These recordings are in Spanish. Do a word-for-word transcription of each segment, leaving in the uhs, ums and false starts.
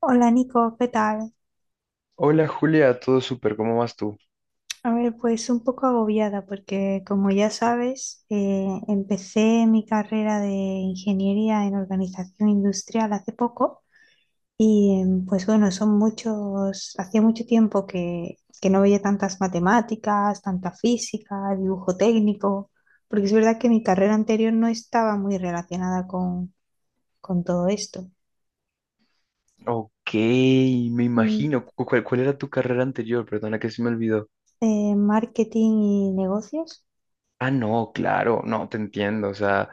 Hola Nico, ¿qué tal? Hola Julia, todo súper, ¿cómo vas tú? A ver, pues un poco agobiada porque como ya sabes, eh, empecé mi carrera de ingeniería en organización industrial hace poco y em, pues bueno, son muchos, hacía mucho tiempo que, que no veía tantas matemáticas, tanta física, dibujo técnico, porque es verdad que mi carrera anterior no estaba muy relacionada con, con todo esto. Ok, me Mm, imagino. Cu- ¿Cuál, cuál era tu carrera anterior? Perdona que se me olvidó. eh, marketing y negocios. Ah, no, claro, no, te entiendo. O sea,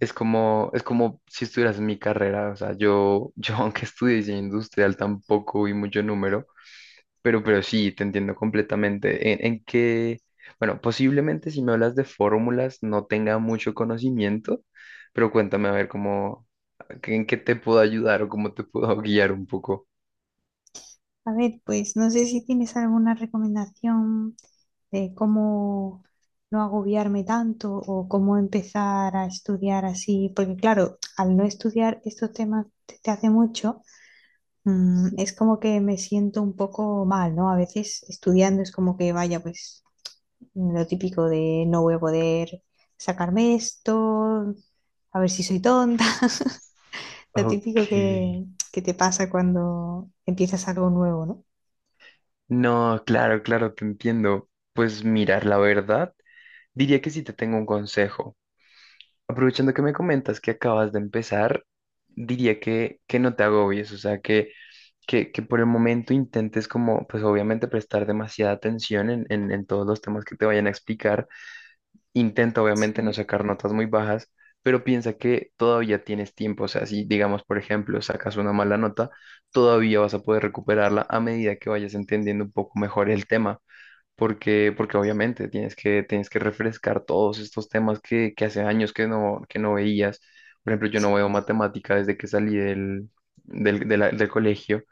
es como, es como si estuvieras en mi carrera. O sea, yo, yo aunque estudié diseño industrial, tampoco vi mucho número, pero, pero sí, te entiendo completamente. En, en que, bueno, posiblemente si me hablas de fórmulas no tenga mucho conocimiento, pero cuéntame a ver cómo, en qué te puedo ayudar o cómo te puedo guiar un poco. A ver, pues no sé si tienes alguna recomendación de cómo no agobiarme tanto o cómo empezar a estudiar así, porque claro, al no estudiar estos temas desde hace mucho, mm, es como que me siento un poco mal, ¿no? A veces estudiando es como que vaya, pues lo típico de no voy a poder sacarme esto, a ver si soy tonta. Lo típico Ok. que, que te pasa cuando empiezas algo nuevo, ¿no? No, claro, claro, te entiendo. Pues mirar, la verdad, diría que sí te tengo un consejo. Aprovechando que me comentas que acabas de empezar, diría que, que no te agobies, o sea, que, que, que por el momento intentes como, pues obviamente prestar demasiada atención en, en, en todos los temas que te vayan a explicar. Intenta obviamente no Sí. sacar notas muy bajas, pero piensa que todavía tienes tiempo. O sea, si digamos, por ejemplo, sacas una mala nota, todavía vas a poder recuperarla a medida que vayas entendiendo un poco mejor el tema. Porque, porque obviamente tienes que, tienes que refrescar todos estos temas que, que hace años que no, que no veías. Por ejemplo, yo no veo matemática desde que salí del, del, de la- del colegio.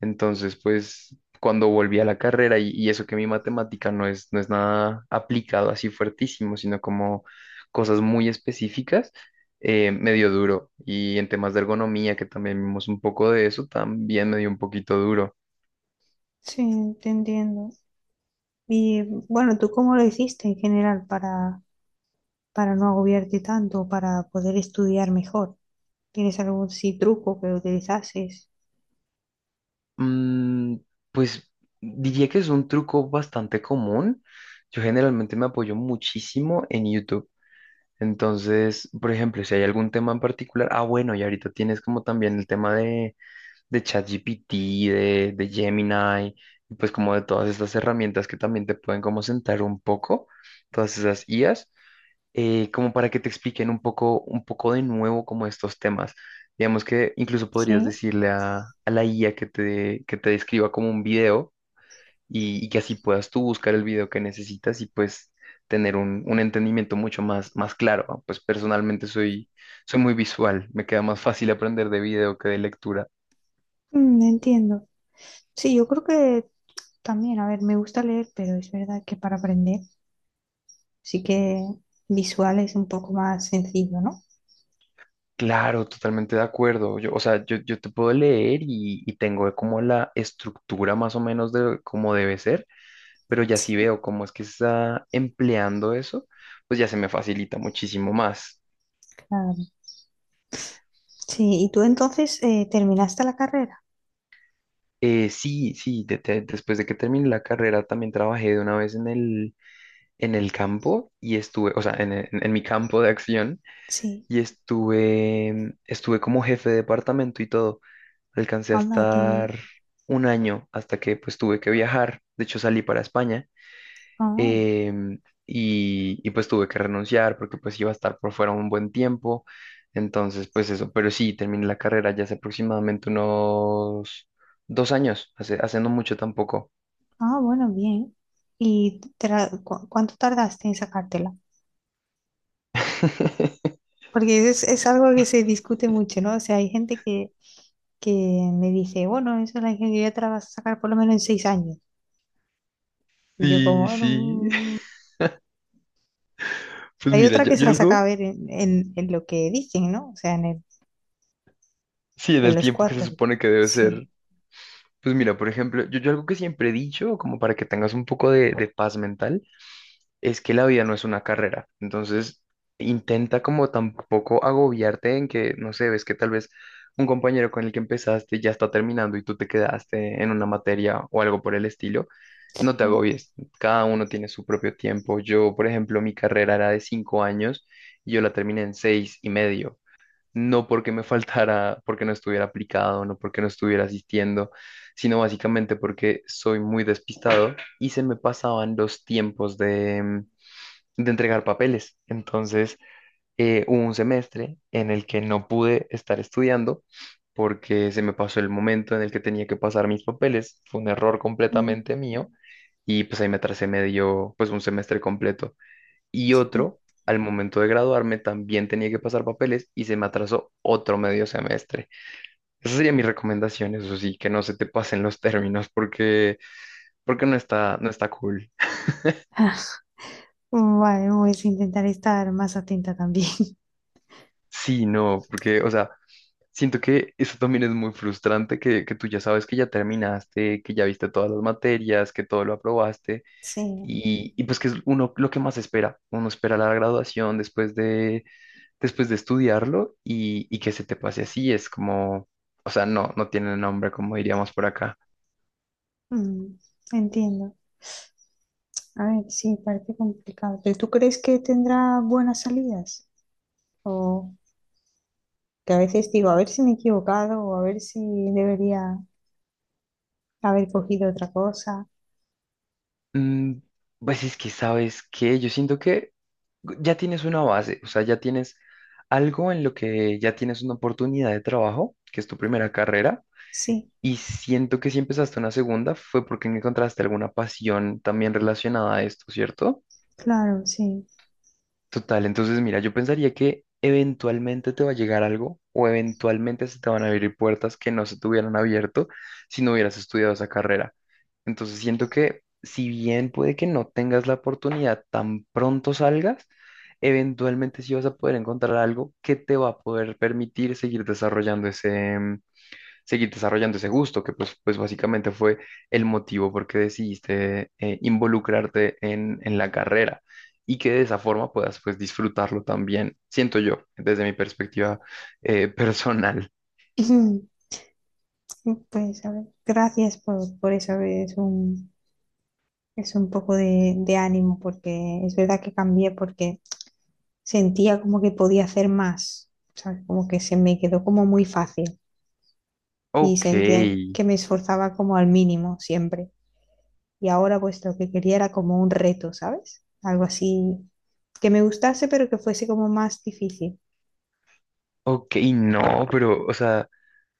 Entonces, pues cuando volví a la carrera y, y eso que mi matemática no es, no es nada aplicado así fuertísimo, sino como cosas muy específicas, eh, me dio duro. Y en temas de ergonomía, que también vimos un poco de eso, también me dio un poquito duro. Sí, te entiendo. Y bueno, ¿tú cómo lo hiciste en general para, para no agobiarte tanto, para poder estudiar mejor? ¿Tienes algún sí truco que utilizases? Mm, pues diría que es un truco bastante común. Yo generalmente me apoyo muchísimo en YouTube. Entonces, por ejemplo, si hay algún tema en particular, ah, bueno, y ahorita tienes como también el tema de de ChatGPT, de, de Gemini, y pues como de todas estas herramientas que también te pueden como sentar un poco, todas esas I As, eh, como para que te expliquen un poco, un poco de nuevo como estos temas. Digamos que incluso podrías Sí. decirle a, a la I A que te, que te describa como un video y, y que así puedas tú buscar el video que necesitas y pues tener un, un entendimiento mucho más, más claro, ¿no? Pues personalmente soy, soy muy visual, me queda más fácil aprender de video que de lectura. Mm, entiendo. Sí, yo creo que también, a ver, me gusta leer, pero es verdad que para aprender sí que visual es un poco más sencillo, ¿no? Claro, totalmente de acuerdo. Yo, o sea, yo, yo te puedo leer y, y tengo como la estructura más o menos de cómo debe ser, pero ya Sí, si veo cómo es que se está empleando eso, pues ya se me facilita muchísimo más. claro. Sí, ¿y tú entonces eh, terminaste la carrera? Eh, sí, sí, de- de- después de que terminé la carrera también trabajé de una vez en el, en el campo y estuve, o sea, en, en en mi campo de acción Sí. y estuve, estuve como jefe de departamento y todo. Alcancé a Anda, qué bien. estar un año hasta que pues tuve que viajar. De hecho, salí para España Ah. em, y, y, pues tuve que renunciar porque pues iba a estar por fuera un buen tiempo. Entonces, pues eso, pero sí, terminé la carrera ya hace aproximadamente unos dos años, hace, hace no mucho tampoco. Ah, bueno, bien. ¿Y te la- cu- cuánto tardaste en sacártela? Porque es, es algo que se discute mucho, ¿no? O sea, hay gente que, que me dice, bueno, eso es la ingeniería, te la vas a sacar por lo menos en seis años. Y yo como, Sí, bueno, sí. mm. Pero Pues hay mira, otra yo, que se yo la saca a algo, ver en, en- en lo que dicen, ¿no? O sea, en, el- sí, en en el los tiempo que se cuatro. supone que debe ser. Sí, Pues mira, por ejemplo, yo, yo algo que siempre he dicho, como para que tengas un poco de, de paz mental, es que la vida no es una carrera. Entonces, intenta como tampoco agobiarte en que, no sé, ves que tal vez un compañero con el que empezaste ya está terminando y tú te quedaste en una materia o algo por el estilo. No te sí. agobies, cada uno tiene su propio tiempo. Yo, por ejemplo, mi carrera era de cinco años y yo la terminé en seis y medio. No porque me faltara, porque no estuviera aplicado, no porque no estuviera asistiendo, sino básicamente porque soy muy despistado y se me pasaban los tiempos de, de entregar papeles. Entonces, eh, hubo un semestre en el que no pude estar estudiando porque se me pasó el momento en el que tenía que pasar mis papeles. Fue un error Mm, completamente mío y pues ahí me atrasé medio, pues un semestre completo. Y sí. otro, al momento de graduarme, también tenía que pasar papeles y se me atrasó otro medio semestre. Esa sería mi recomendación, eso sí, que no se te pasen los términos porque, porque no está, no está cool. Vale, voy a intentar estar más atenta también. Sí, no, porque, o sea, siento que eso también es muy frustrante, que, que tú ya sabes que ya terminaste, que ya viste todas las materias, que todo lo aprobaste Sí, y, y pues que es uno lo que más espera. Uno espera la graduación después de, después de estudiarlo y, y que se te pase así. Es como, o sea, no, no tiene nombre, como diríamos por acá. mm, entiendo. A ver, sí, parece complicado. ¿Pero tú crees que tendrá buenas salidas? O que a veces digo, a ver si me he equivocado o a ver si debería haber cogido otra cosa. Mm, pues es que sabes que yo siento que ya tienes una base, o sea, ya tienes algo en lo que ya tienes una oportunidad de trabajo, que es tu primera carrera. Sí, Y siento que si empezaste una segunda fue porque no encontraste alguna pasión también relacionada a esto, ¿cierto? claro, sí. Total, entonces mira, yo pensaría que eventualmente te va a llegar algo o eventualmente se te van a abrir puertas que no se te hubieran abierto si no hubieras estudiado esa carrera. Entonces siento que si bien puede que no tengas la oportunidad tan pronto salgas, eventualmente sí vas a poder encontrar algo que te va a poder permitir seguir desarrollando ese, seguir desarrollando ese gusto, que pues, pues básicamente fue el motivo por qué decidiste eh, involucrarte en, en la carrera y que de esa forma puedas pues disfrutarlo también, siento yo, desde mi perspectiva eh, personal. Pues a ver, gracias por, por eso. A ver, es un, es un poco de, de ánimo porque es verdad que cambié porque sentía como que podía hacer más. ¿Sabes? Como que se me quedó como muy fácil y Ok, sentía que me esforzaba como al mínimo siempre. Y ahora pues lo que quería era como un reto, ¿sabes? Algo así que me gustase, pero que fuese como más difícil. ok, no, pero o sea,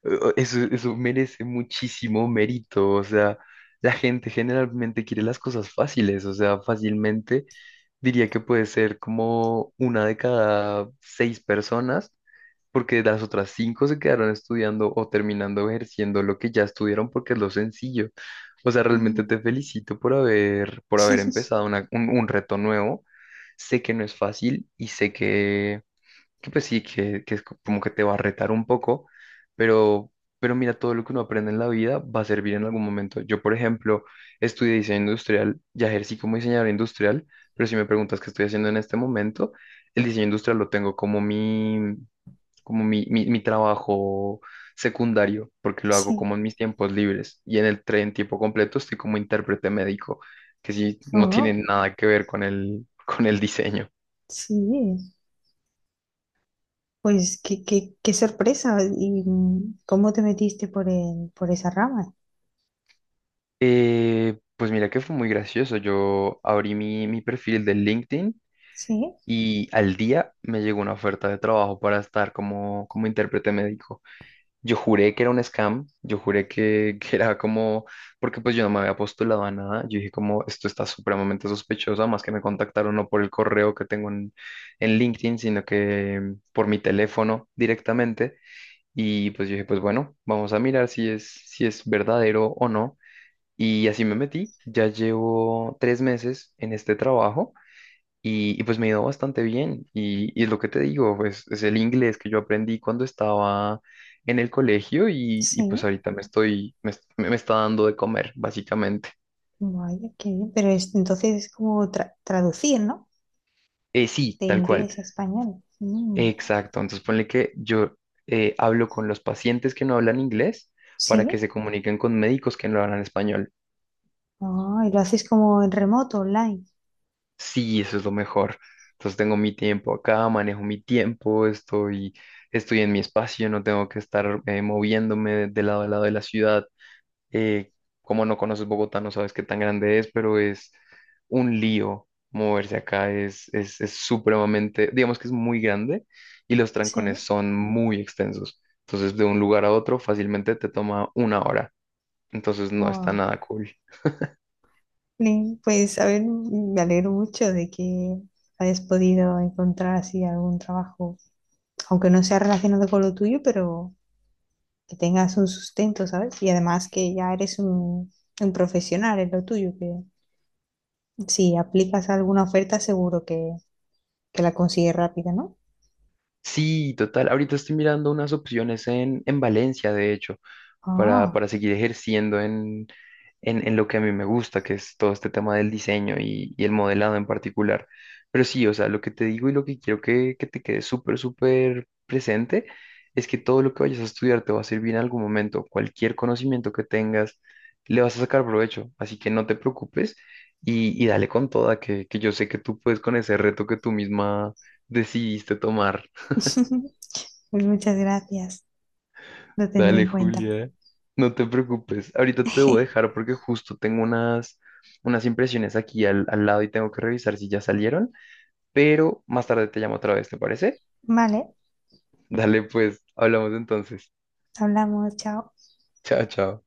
eh, eso, eso merece muchísimo mérito, o sea, la gente generalmente quiere las cosas fáciles, o sea, fácilmente diría que puede ser como una de cada seis personas porque las otras cinco se quedaron estudiando o terminando ejerciendo lo que ya estudiaron porque es lo sencillo. O sea, realmente Mm. te felicito por haber, por haber empezado una- un, un reto nuevo. Sé que no es fácil y sé que, que pues sí, que, que es co- como que te va a retar un poco, pero, pero mira, todo lo que uno aprende en la vida va a servir en algún momento. Yo, por ejemplo, estudié diseño industrial, ya ejercí como diseñador industrial, pero si me preguntas qué estoy haciendo en este momento, el diseño industrial lo tengo como mi, como mi, mi, mi trabajo secundario, porque lo hago Sí. como en mis tiempos libres. Y en el tren tiempo completo estoy como intérprete médico, que sí, no tiene Oh, nada que ver con el, con el diseño. sí. Pues qué, qué, qué sorpresa. ¿Y mm, cómo te metiste por el, por esa rama? Eh, pues mira que fue muy gracioso. Yo abrí mi, mi perfil de LinkedIn Sí, y al día me llegó una oferta de trabajo para estar como, como intérprete médico. Yo juré que era un scam, yo juré que, que era como, porque pues yo no me había postulado a nada, yo dije como, esto está supremamente sospechoso, más que me contactaron no por el correo que tengo en, en LinkedIn, sino que por mi teléfono directamente. Y pues yo dije, pues bueno, vamos a mirar si es, si es verdadero o no. Y así me metí, ya llevo tres meses en este trabajo. Y, y pues me ha ido bastante bien. Y, y es lo que te digo, pues es el inglés que yo aprendí cuando estaba en el colegio y, y pues sí. ahorita me estoy, me, est- me está dando de comer, básicamente. Vaya, qué bien. Pero es- entonces es como tra- traducir, ¿no? Eh, sí, De tal cual. inglés a español. Mm. Exacto. Entonces ponle que yo eh, hablo con los pacientes que no hablan inglés para Sí. que se comuniquen con médicos que no hablan español. Ah, ¿y lo haces como en remoto, online? Sí, eso es lo mejor. Entonces tengo mi tiempo acá, manejo mi tiempo, estoy, estoy en mi espacio, no tengo que estar eh, moviéndome de lado a lado de la ciudad. Eh, como no conoces Bogotá, no sabes qué tan grande es, pero es un lío moverse acá, es, es, es supremamente, digamos que es muy grande y los trancones Sí. son muy extensos. Entonces, de un lugar a otro fácilmente te toma una hora. Entonces, no está Guau. nada cool. Bien, pues, a ver, me alegro mucho de que hayas podido encontrar así algún trabajo, aunque no sea relacionado con lo tuyo, pero que tengas un sustento, ¿sabes? Y además que ya eres un, un profesional en lo tuyo, que si aplicas a alguna oferta seguro que, que la consigues rápida, ¿no? Sí, total. Ahorita estoy mirando unas opciones en, en Valencia, de hecho. para, Ah, para seguir ejerciendo en, en, en lo que a mí me gusta, que es todo este tema del diseño y, y el modelado en particular. Pero sí, o sea, lo que te digo y lo que quiero que, que te quede súper, súper presente es que todo lo que vayas a estudiar te va a servir en algún momento. Cualquier conocimiento que tengas, le vas a sacar provecho. Así que no te preocupes y, y dale con toda, que, que yo sé que tú puedes con ese reto que tú misma decidiste tomar. pues muchas gracias, lo tendré Dale, en cuenta. Julia, no te preocupes. Ahorita te debo dejar porque justo tengo unas, unas impresiones aquí al, al lado y tengo que revisar si ya salieron, pero más tarde te llamo otra vez, ¿te parece? Vale, Dale, pues, hablamos entonces. hablamos, chao. Chao, chao.